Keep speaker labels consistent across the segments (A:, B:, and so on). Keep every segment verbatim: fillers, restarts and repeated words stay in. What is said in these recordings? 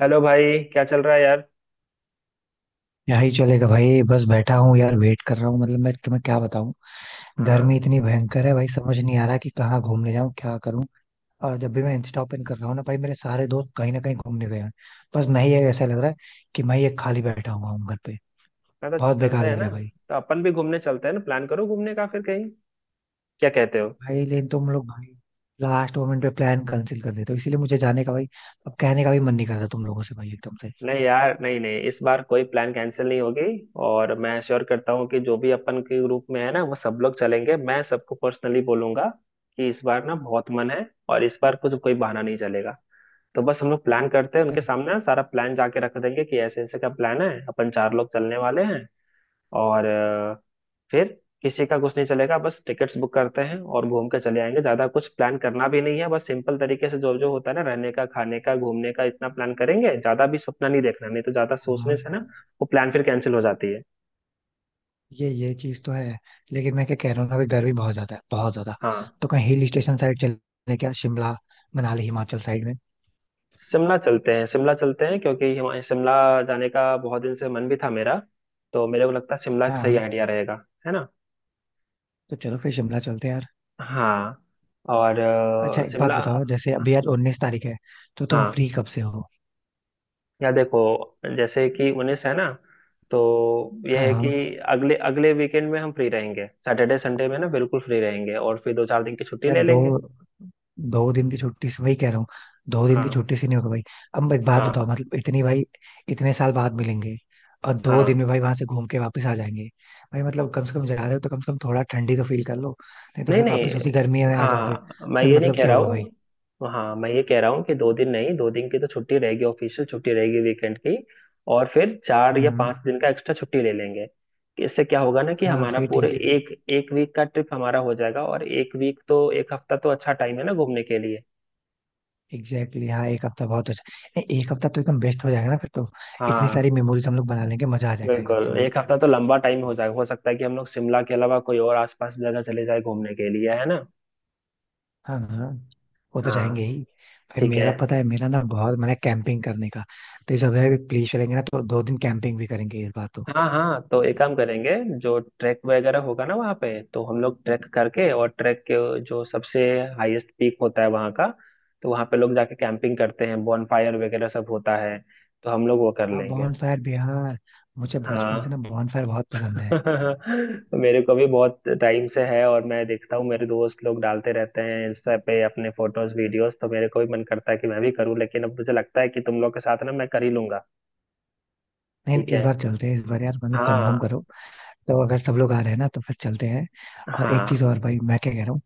A: Hello भाई, क्या चल रहा है यार।
B: यही चलेगा भाई, बस बैठा हूँ यार, वेट कर रहा हूँ। मतलब मैं तुम्हें क्या बताऊँ। गर्मी
A: हाँ।
B: इतनी भयंकर है भाई, समझ नहीं आ रहा कि कहाँ घूमने जाऊँ, क्या करूँ। और जब भी मैं इंस्टा ओपन कर रहा हूँ ना भाई, मेरे सारे दोस्त कहीं ना कहीं घूमने गए हैं। बस मैं ही ऐसा लग रहा है कि मैं ये खाली बैठा हुआ हूँ घर पे।
A: मैं तो
B: बहुत
A: चलते
B: बेकार
A: हैं
B: लग रहा
A: ना,
B: है भाई।
A: तो अपन भी घूमने चलते हैं ना। प्लान करो घूमने का फिर कहीं। क्या कहते हो।
B: भाई लेकिन तुम लोग भाई लास्ट मोमेंट पे प्लान कैंसिल कर देते हो, इसीलिए मुझे जाने का भाई अब कहने का भी मन नहीं करता तुम लोगों से भाई एकदम से।
A: नहीं यार, नहीं नहीं, इस बार कोई प्लान कैंसिल नहीं होगी। और मैं श्योर करता हूँ कि जो भी अपन के ग्रुप में है ना वो सब लोग चलेंगे, मैं सबको पर्सनली बोलूंगा कि इस बार ना बहुत मन है और इस बार कुछ कोई बहाना नहीं चलेगा। तो बस हम लोग प्लान करते हैं, उनके सामने ना सारा प्लान जाके रख देंगे कि ऐसे ऐसे का प्लान है, अपन चार लोग चलने वाले हैं और फिर किसी का कुछ नहीं चलेगा। बस टिकट्स बुक करते हैं और घूम के चले आएंगे, ज्यादा कुछ प्लान करना भी नहीं है। बस सिंपल तरीके से जो जो होता है ना, रहने का, खाने का, घूमने का, इतना प्लान करेंगे। ज्यादा भी सपना नहीं देखना, नहीं तो ज्यादा सोचने
B: हाँ,
A: से ना वो प्लान फिर कैंसिल हो जाती है।
B: ये ये चीज तो है। लेकिन मैं क्या कह रहा हूँ ना, अभी गर्मी बहुत ज्यादा है, बहुत ज्यादा।
A: हाँ।
B: तो कहीं हिल स्टेशन साइड चले क्या? शिमला, मनाली, हिमाचल साइड में।
A: शिमला चलते हैं, शिमला चलते हैं क्योंकि हिमा- शिमला जाने का बहुत दिन से मन भी था मेरा। तो मेरे को लगता है शिमला एक
B: हाँ
A: सही
B: हम।
A: आइडिया रहेगा, है ना।
B: तो चलो फिर शिमला चलते हैं यार।
A: हाँ। और
B: अच्छा
A: अ,
B: एक बात
A: शिमला।
B: बताओ, जैसे अभी आज उन्नीस तारीख है, तो तुम
A: हाँ।
B: फ्री कब से हो?
A: या देखो, जैसे कि उन्नीस है ना, तो यह
B: हाँ
A: है कि
B: हाँ।
A: अगले अगले वीकेंड में हम फ्री रहेंगे, सैटरडे संडे में ना बिल्कुल फ्री रहेंगे। और फिर दो चार दिन की छुट्टी
B: यार
A: ले
B: दो
A: लेंगे।
B: दो दिन की छुट्टी से वही कह रहा हूँ, दो दिन की
A: हाँ
B: छुट्टी से नहीं होगा भाई। अब एक बात बताओ,
A: हाँ
B: मतलब इतनी भाई, इतने साल बाद मिलेंगे और दो दिन
A: हाँ।
B: में भाई वहां से घूम के वापस आ जाएंगे? भाई मतलब कम से कम जा रहे हो तो कम से कम थोड़ा ठंडी तो फील कर लो, नहीं तो
A: नहीं
B: फिर वापस उसी गर्मी
A: नहीं,
B: में आ जाओगे।
A: हाँ मैं
B: फिर
A: ये नहीं
B: मतलब
A: कह
B: क्या
A: रहा
B: होगा भाई।
A: हूँ, हाँ मैं ये कह रहा हूँ कि दो दिन नहीं, दो दिन की तो छुट्टी रहेगी, ऑफिशियल छुट्टी रहेगी वीकेंड की। और फिर चार या
B: हम्म।
A: पांच दिन का एक्स्ट्रा छुट्टी ले लेंगे। इससे क्या होगा ना कि
B: हाँ
A: हमारा
B: फिर
A: पूरे
B: ठीक है।
A: एक एक वीक का ट्रिप हमारा हो जाएगा। और एक वीक तो, एक हफ्ता तो अच्छा टाइम है ना घूमने के लिए।
B: एग्जैक्टली exactly, हाँ एक हफ्ता बहुत अच्छा। नहीं, एक हफ्ता तो एकदम बेस्ट हो जाएगा ना फिर तो। इतनी
A: हाँ।
B: सारी मेमोरीज हम लोग बना लेंगे, मजा आ जाएगा एकदम से
A: बिल्कुल,
B: भाई।
A: एक हफ्ता तो लंबा टाइम हो जाए। हो सकता है कि हम लोग शिमला के अलावा कोई और आसपास जगह चले जाए घूमने के लिए, है ना।
B: हाँ हाँ, वो तो
A: हाँ।
B: जाएंगे ही। भाई
A: ठीक है।
B: मेरा पता है, मेरा ना बहुत मन है कैंपिंग करने का। तो जब है प्लीज चलेंगे ना, तो दो दिन कैंपिंग भी करेंगे इस बार तो।
A: हाँ हाँ, तो एक काम करेंगे, जो ट्रैक वगैरह होगा ना वहाँ पे, तो हम लोग ट्रैक करके और ट्रैक के जो सबसे हाईएस्ट पीक होता है वहाँ का, तो वहाँ पे लोग जाके कैंपिंग करते हैं, बॉनफायर वगैरह सब होता है, तो हम लोग वो कर
B: हाँ,
A: लेंगे।
B: बॉनफायर बिहार, मुझे बचपन से ना
A: हाँ।
B: बॉनफायर बहुत पसंद है।
A: मेरे को भी बहुत टाइम से है और मैं देखता हूँ मेरे दोस्त लोग डालते रहते हैं इंस्टा पे अपने फोटोज वीडियोस, तो मेरे को भी मन करता है कि मैं भी करूँ। लेकिन अब मुझे लगता है कि तुम लोग के साथ ना मैं कर ही लूंगा।
B: नहीं,
A: ठीक
B: इस
A: है।
B: बार चलते हैं इस बार यार, मतलब कंफर्म
A: हाँ
B: करो। तो अगर सब लोग आ रहे हैं ना तो फिर चलते हैं। और एक
A: हाँ
B: चीज और भाई, मैं क्या कह रहा हूँ,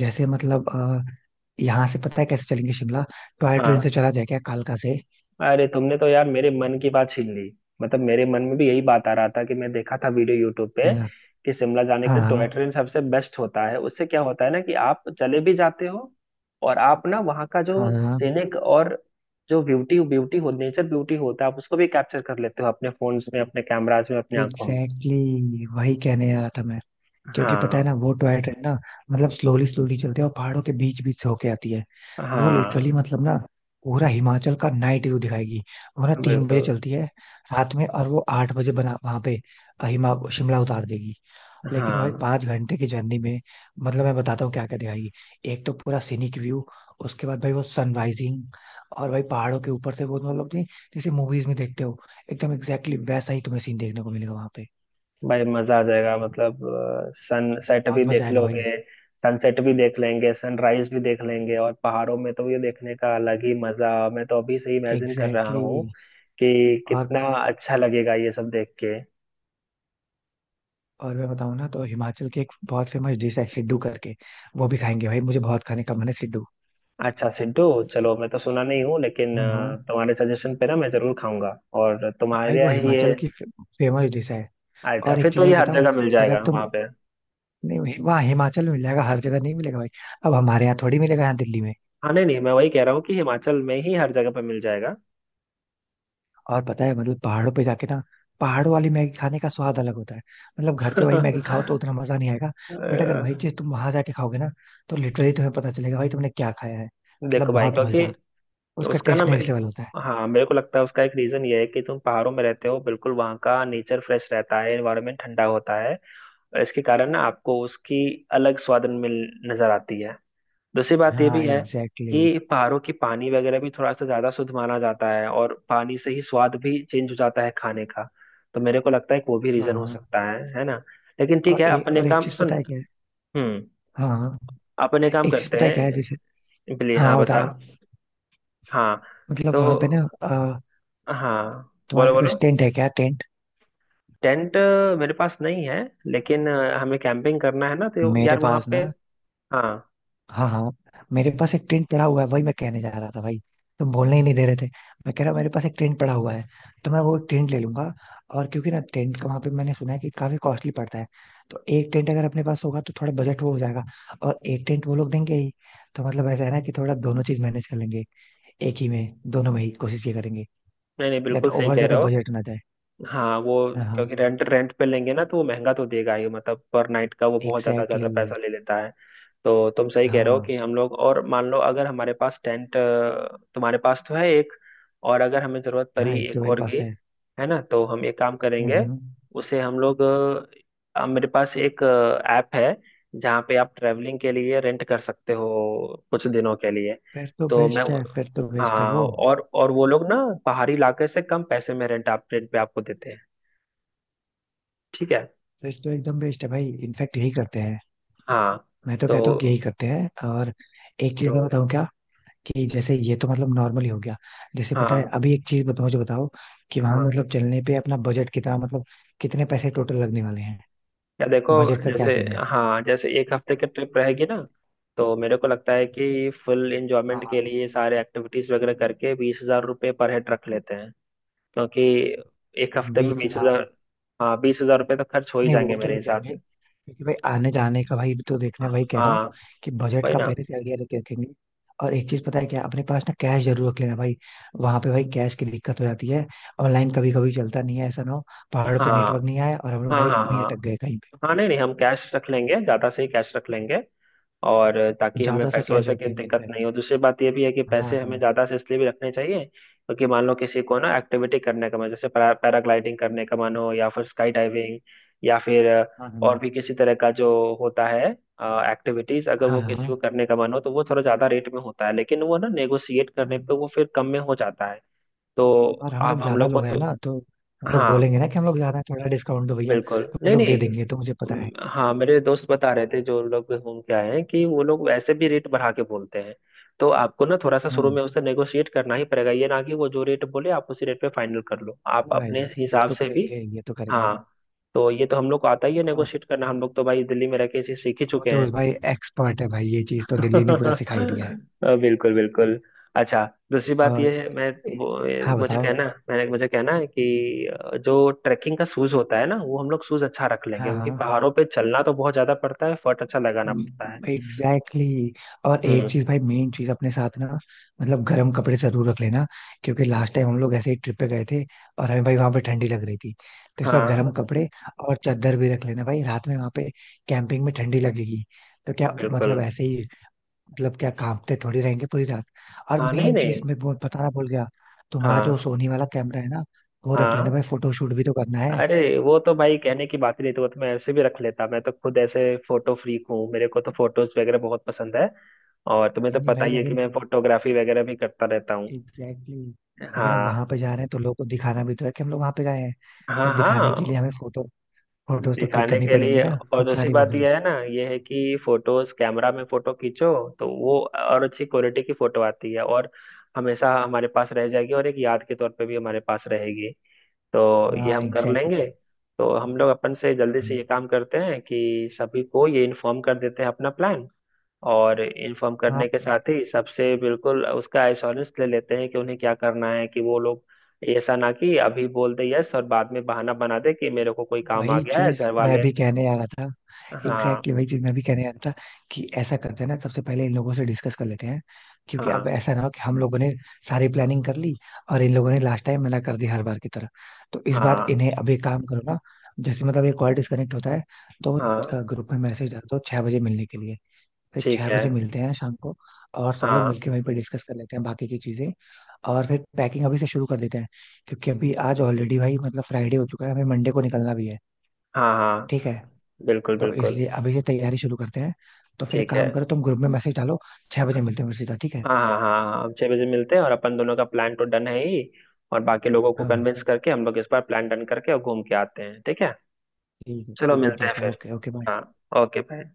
B: जैसे मतलब अ, यहाँ से पता है कैसे चलेंगे शिमला? टॉय ट्रेन से
A: हाँ।
B: चला जाए क्या, कालका से?
A: अरे तुमने तो यार मेरे मन की बात छीन ली। मतलब मेरे मन में भी यही बात आ रहा था कि मैं देखा था वीडियो यूट्यूब पे
B: क्या?
A: कि शिमला जाने का टॉय
B: हाँ
A: ट्रेन सबसे बेस्ट होता है। उससे क्या होता है ना कि आप चले भी जाते हो, और आप ना वहाँ का जो
B: हाँ हाँ।
A: सीनिक और जो ब्यूटी ब्यूटी हो, नेचर ब्यूटी होता है, आप उसको भी कैप्चर कर लेते हो अपने फोन्स में, अपने कैमराज में, अपनी आंखों में।
B: एग्जैक्टली exactly, वही कहने आ रहा था मैं। क्योंकि पता है
A: हाँ
B: ना वो टॉय ट्रेन ना, मतलब स्लोली स्लोली चलती है और पहाड़ों के बीच बीच से होके आती है। वो लिटरली
A: हाँ,
B: मतलब ना पूरा हिमाचल का नाइट व्यू दिखाएगी। वो ना तीन बजे
A: बिल्कुल।
B: चलती है रात में, और वो आठ बजे बना वहां पे हिमा शिमला उतार देगी। लेकिन भाई
A: हाँ
B: पांच घंटे की जर्नी में मतलब मैं बताता हूँ क्या क्या दिखाएगी। एक तो पूरा सीनिक व्यू, उसके बाद भाई वो सनराइजिंग, और भाई पहाड़ों के ऊपर से वो तो मतलब नहीं, जैसे मूवीज में देखते हो एकदम एग्जैक्टली वैसा ही तुम्हें सीन देखने को मिलेगा वहां पे।
A: भाई, मजा आ जाएगा मतलब। सनसेट
B: बहुत
A: भी
B: मजा
A: देख
B: आएगा भाई।
A: लोगे। सनसेट भी देख लेंगे, सनराइज भी देख लेंगे, और पहाड़ों में तो ये देखने का अलग ही मजा। मैं तो अभी से ही इमेजिन कर रहा
B: एग्जैक्टली।
A: हूँ कि
B: और
A: कितना अच्छा लगेगा ये सब देख के।
B: और मैं बताऊँ ना, तो हिमाचल की एक बहुत फेमस डिश है सिड्डू करके। वो भी खाएंगे भाई, मुझे बहुत खाने का मन है सिड्डू।
A: अच्छा सिद्धू। चलो, मैं तो सुना नहीं हूँ लेकिन
B: हाँ हाँ,
A: अ, तुम्हारे सजेशन पे ना मैं जरूर खाऊंगा, और
B: भाई
A: तुम्हारे
B: वो
A: यहाँ ही ये।
B: हिमाचल की फेमस डिश है।
A: अच्छा,
B: और
A: फिर
B: एक
A: तो
B: चीज और
A: ये हर
B: बताऊं,
A: जगह मिल
B: अगर
A: जाएगा
B: तुम,
A: वहां पे।
B: नहीं वहाँ हिमाचल में मिल जाएगा, हर जगह नहीं मिलेगा भाई। अब हमारे यहाँ थोड़ी मिलेगा यहाँ दिल्ली में।
A: हाँ नहीं नहीं, मैं वही कह रहा हूँ कि हिमाचल में ही हर जगह पे मिल जाएगा।
B: और पता है मतलब पहाड़ों पे जाके ना पहाड़ों वाली मैगी खाने का स्वाद अलग होता है। मतलब घर पे वही मैगी खाओ तो उतना मजा नहीं आएगा। बट अगर वही
A: अ,
B: चीज तुम वहां जाके खाओगे ना, तो लिटरली तुम्हें पता चलेगा भाई तुमने क्या खाया है, मतलब
A: देखो भाई,
B: बहुत मजेदार।
A: क्योंकि
B: उसका
A: उसका ना,
B: टेस्ट
A: मेरे,
B: नेक्स्ट लेवल होता है।
A: हाँ मेरे को लगता है उसका एक रीजन ये है कि तुम पहाड़ों में रहते हो बिल्कुल, वहाँ का नेचर फ्रेश रहता है, एनवायरनमेंट ठंडा होता है, और इसके कारण ना आपको उसकी अलग स्वाद मिल नजर आती है। दूसरी बात ये
B: हाँ
A: भी है
B: एग्जैक्टली exactly.
A: कि पहाड़ों की पानी वगैरह भी थोड़ा सा ज्यादा शुद्ध माना जाता है, और पानी से ही स्वाद भी चेंज हो जाता है खाने का। तो मेरे को लगता है कि वो भी
B: हाँ
A: रीजन हो
B: हाँ।
A: सकता है है ना। लेकिन ठीक
B: और,
A: है,
B: ए,
A: अपने
B: और एक
A: काम
B: चीज
A: सुन।
B: पता है क्या है।
A: हम्म।
B: हाँ हाँ।
A: अपने काम
B: एक चीज
A: करते
B: पता है क्या है, जैसे,
A: हैं। बिल्ली हाँ
B: हाँ
A: बता।
B: बताओ।
A: हाँ।
B: मतलब
A: तो,
B: वहां पे ना अ,
A: हाँ बोलो
B: तुम्हारे पास
A: बोलो।
B: टेंट है क्या, टेंट?
A: टेंट, अ, मेरे पास नहीं है, लेकिन अ, हमें कैंपिंग करना है ना, तो
B: मेरे
A: यार वहाँ
B: पास
A: पे।
B: ना,
A: हाँ।
B: हाँ हाँ, मेरे पास एक टेंट पड़ा हुआ है, वही मैं कहने जा रहा था भाई, तुम बोलने ही नहीं दे रहे थे। मैं कह रहा हूँ मेरे पास एक टेंट पड़ा हुआ है, तो मैं वो टेंट ले लूंगा। और क्योंकि ना टेंट का वहां पे मैंने सुना है कि काफी कॉस्टली पड़ता है, तो एक टेंट अगर अपने पास होगा तो थोड़ा बजट वो हो जाएगा। और एक टेंट वो लोग देंगे ही, तो मतलब ऐसा है ना कि थोड़ा दोनों चीज मैनेज कर लेंगे, एक ही में, दोनों में ही कोशिश ये करेंगे
A: नहीं नहीं, बिल्कुल
B: ज्यादा
A: सही
B: ओवर
A: कह
B: ज्यादा
A: रहे हो।
B: बजट ना जाए।
A: हाँ वो,
B: हाँ
A: क्योंकि
B: हाँ।
A: रेंट रेंट पे लेंगे ना, तो वो महंगा तो देगा ही मतलब, पर नाइट का वो बहुत ज्यादा
B: एग्जैक्टली
A: ज्यादा
B: exactly.
A: पैसा ले लेता है। तो तुम सही कह रहे हो
B: हाँ
A: कि हम लोग, और मान लो अगर हमारे पास टेंट, तुम्हारे पास तो है एक, और अगर हमें जरूरत
B: हाँ,
A: पड़ी
B: एक तो
A: एक
B: मेरे
A: और
B: पास
A: की,
B: है।
A: है ना, तो हम एक काम
B: हम्म
A: करेंगे।
B: हम्म।
A: उसे हम लोग, अ, मेरे पास एक ऐप है जहाँ पे आप ट्रैवलिंग के लिए रेंट कर सकते हो कुछ दिनों के लिए।
B: फिर तो
A: तो मैं,
B: बेस्ट है, फिर तो बेस्ट है
A: हाँ,
B: वो।
A: और और वो लोग ना पहाड़ी इलाके से कम पैसे में रेंट आप रेंट पे आपको देते हैं। ठीक है।
B: फिर तो एकदम बेस्ट है भाई, इनफैक्ट यही करते हैं।
A: हाँ।
B: मैं तो
A: तो,
B: कहता हूँ कि यही करते हैं। और एक चीज मैं बताऊँ क्या, कि जैसे ये तो मतलब नॉर्मल ही हो गया, जैसे पता है
A: हाँ
B: अभी एक चीज बताओ, मुझे बताओ कि वहां, हाँ मतलब चलने पे अपना बजट कितना, मतलब कितने पैसे टोटल लगने वाले हैं?
A: या देखो,
B: बजट का क्या
A: जैसे,
B: सीन है?
A: हाँ जैसे एक हफ्ते की ट्रिप रहेगी ना, तो मेरे को लगता है कि फुल एंजॉयमेंट के
B: हाँ
A: लिए सारे एक्टिविटीज वगैरह करके बीस हजार रुपये पर हेड रख लेते हैं। क्योंकि एक हफ्ते में
B: बीस।
A: बीस हजार, हाँ बीस हजार रुपये तो खर्च हो ही
B: नहीं
A: जाएंगे
B: वो तो
A: मेरे
B: लग
A: हिसाब
B: जाएंगे,
A: से।
B: क्योंकि भाई आने जाने का भाई तो देखना है, वही कह रहा हूँ
A: हाँ
B: कि बजट
A: वही
B: का
A: ना।
B: पहले से आइडिया लेके रखेंगे। और एक चीज पता है क्या, अपने पास ना कैश जरूर रख लेना भाई। वहां पे भाई कैश की दिक्कत हो जाती है, ऑनलाइन कभी कभी चलता नहीं है। ऐसा ना हो पहाड़ों पे नेटवर्क
A: हाँ
B: नहीं आया और हम लोग
A: हाँ
B: भाई
A: हाँ
B: वहीं
A: हाँ।
B: अटक गए कहीं पे।
A: हाँ नहीं नहीं, हम कैश रख लेंगे, ज्यादा से ही कैश रख लेंगे। और ताकि हमें
B: ज्यादा सा
A: पैसों
B: कैश
A: वैसे की
B: रखेंगे
A: दिक्कत
B: इनफैक्ट।
A: नहीं हो। दूसरी बात ये भी है कि पैसे हमें
B: हाँ
A: ज्यादा से इसलिए भी रखने चाहिए क्योंकि मान लो किसी को ना एक्टिविटी करने का मन, जैसे पैरा पैराग्लाइडिंग करने का मन हो या फिर स्काई डाइविंग या फिर अ,
B: हाँ
A: और
B: हाँ
A: भी किसी तरह का जो होता है एक्टिविटीज, अगर
B: हाँ
A: वो किसी
B: हाँ,
A: को करने का मन हो तो वो थोड़ा ज्यादा रेट में होता है, लेकिन वो ना नेगोशिएट करने पे
B: हाँ।
A: वो फिर कम में हो जाता है। तो
B: और हम
A: अब
B: लोग
A: हम
B: ज्यादा
A: लोग को
B: लोग हैं
A: तो,
B: ना, तो हम लोग
A: हाँ
B: बोलेंगे ना कि हम लोग ज्यादा हैं, थोड़ा डिस्काउंट दो भैया,
A: बिल्कुल,
B: तो वो
A: नहीं
B: लोग दे
A: नहीं।
B: देंगे, तो मुझे पता
A: हम्म,
B: है।
A: हाँ मेरे दोस्त बता रहे थे जो लोग घूम के आए हैं कि वो लोग वैसे भी रेट बढ़ा के बोलते हैं, तो आपको ना थोड़ा सा शुरू
B: हम्म।
A: में उससे नेगोशिएट करना ही पड़ेगा। ये ना कि वो जो रेट बोले आप उसी रेट पे फाइनल कर लो, आप
B: नहीं भाई,
A: अपने
B: ये ये
A: हिसाब
B: तो
A: से भी।
B: करेंगे, ये तो करेंगे।
A: हाँ, तो ये तो हम लोग को आता ही है
B: हाँ।
A: नेगोशिएट करना, हम लोग तो भाई दिल्ली में रह के इसे सीख ही
B: वो
A: चुके
B: तो
A: हैं।
B: बस भाई एक्सपर्ट है भाई, ये चीज तो दिल्ली ने पूरा सिखाई दिया है।
A: अ, बिल्कुल बिल्कुल। अच्छा, दूसरी बात
B: और
A: यह है, मैं वो ये
B: हाँ
A: मुझे
B: बताओ।
A: कहना, मैंने मुझे कहना है कि अ, जो ट्रैकिंग का शूज होता है ना, वो हम लोग शूज अच्छा रख लेंगे,
B: हाँ
A: क्योंकि
B: हाँ
A: पहाड़ों पे चलना तो बहुत ज्यादा पड़ता है, फट अच्छा लगाना पड़ता है।
B: Exactly exactly. और एक
A: हम्म।
B: चीज भाई, मेन चीज अपने साथ ना मतलब गर्म कपड़े जरूर रख लेना, क्योंकि लास्ट टाइम हम लोग ऐसे ही ट्रिप पे गए थे और हमें भाई वहां पे ठंडी लग रही थी, तो इस बार
A: हाँ।
B: गर्म कपड़े। और चादर भी रख लेना भाई, रात में वहां पे कैंपिंग में ठंडी लगेगी, तो क्या
A: बिल्कुल।
B: मतलब ऐसे ही, मतलब क्या कांपते थोड़ी रहेंगे पूरी रात। और
A: हाँ नहीं
B: मेन चीज
A: नहीं।
B: मैं वो बताना भूल गया, तुम्हारा जो
A: हाँ
B: सोनी वाला कैमरा है ना, वो रख लेना
A: हाँ।
B: भाई, फोटो शूट भी तो करना है।
A: अरे वो तो भाई कहने की बात ही नहीं, तो वो तो मैं ऐसे भी रख लेता, मैं तो खुद ऐसे फोटो फ्रीक हूँ, मेरे को तो फोटोज वगैरह बहुत पसंद है, और तुम्हें तो
B: नहीं नहीं
A: पता
B: भाई
A: ही है कि
B: लेकिन,
A: मैं फोटोग्राफी वगैरह भी करता रहता हूँ।
B: एग्जैक्टली exactly, लेकिन हम वहां
A: हाँ
B: पे जा रहे हैं तो लोगों को दिखाना भी तो है कि हम लोग वहां पे गए हैं। तो
A: हाँ
B: अब दिखाने के लिए
A: हाँ।
B: हमें फोटो फोटोज तो क्लिक
A: दिखाने
B: करनी
A: के
B: पड़ेंगी
A: लिए,
B: ना,
A: और
B: खूब
A: दूसरी
B: सारी वो
A: बात
B: भी।
A: यह है ना, ये है कि फोटोज कैमरा में फोटो खींचो तो वो और अच्छी क्वालिटी की फोटो आती है, और हमेशा हमारे पास रह जाएगी, और एक याद के तौर पे भी हमारे पास रहेगी। तो ये
B: हाँ
A: हम कर
B: एग्जैक्टली
A: लेंगे।
B: exactly.
A: तो हम लोग अपन से जल्दी से ये काम करते हैं कि सभी को ये इन्फॉर्म कर देते हैं अपना प्लान, और इन्फॉर्म
B: हाँ
A: करने के
B: हाँ,
A: साथ ही सबसे बिल्कुल उसका एश्योरेंस ले लेते हैं कि उन्हें क्या करना है, कि वो लोग ऐसा ना कि अभी बोल दे यस और बाद में बहाना बना दे कि मेरे को कोई काम आ
B: वही
A: गया है
B: चीज
A: घर
B: मैं
A: वाले।
B: भी कहने आ रहा था,
A: हाँ
B: एग्जैक्टली वही चीज मैं भी कहने आ रहा था, कि ऐसा करते हैं ना, सबसे पहले इन लोगों से डिस्कस कर लेते हैं। क्योंकि अब
A: हाँ
B: ऐसा ना हो कि हम लोगों ने सारी प्लानिंग कर ली और इन लोगों ने लास्ट टाइम मना कर दिया हर बार की तरह, तो इस बार
A: हाँ
B: इन्हें अभी काम करो ना। जैसे मतलब ये कॉल डिस्कनेक्ट होता है, तो
A: हाँ।
B: ग्रुप में मैसेज डाल दो छह बजे मिलने के लिए, फिर
A: ठीक
B: छह
A: है।
B: बजे मिलते हैं शाम को, और सब लोग
A: हाँ
B: मिलके वहीं पे डिस्कस कर लेते हैं बाकी की चीजें। और फिर पैकिंग अभी से शुरू कर देते हैं, क्योंकि अभी आज ऑलरेडी भाई मतलब फ्राइडे हो चुका है, हमें मंडे को निकलना भी है।
A: हाँ हाँ,
B: ठीक है,
A: बिल्कुल
B: तो
A: बिल्कुल।
B: इसलिए अभी से तैयारी शुरू करते हैं। तो फिर एक
A: ठीक है।
B: काम करो, तुम ग्रुप में मैसेज डालो, छह बजे मिलते हैं फिर सीधा, ठीक है?
A: हाँ हाँ हाँ हाँ, हम छह बजे मिलते हैं और अपन दोनों का प्लान तो डन है ही, और बाकी लोगों को
B: हाँ
A: कन्विंस करके हम लोग इस बार प्लान डन करके और घूम के आते हैं, ठीक है।
B: ठीक है,
A: चलो
B: ठीक है
A: मिलते हैं
B: ठीक है,
A: फिर।
B: Okay okay.
A: हाँ। Okay bye.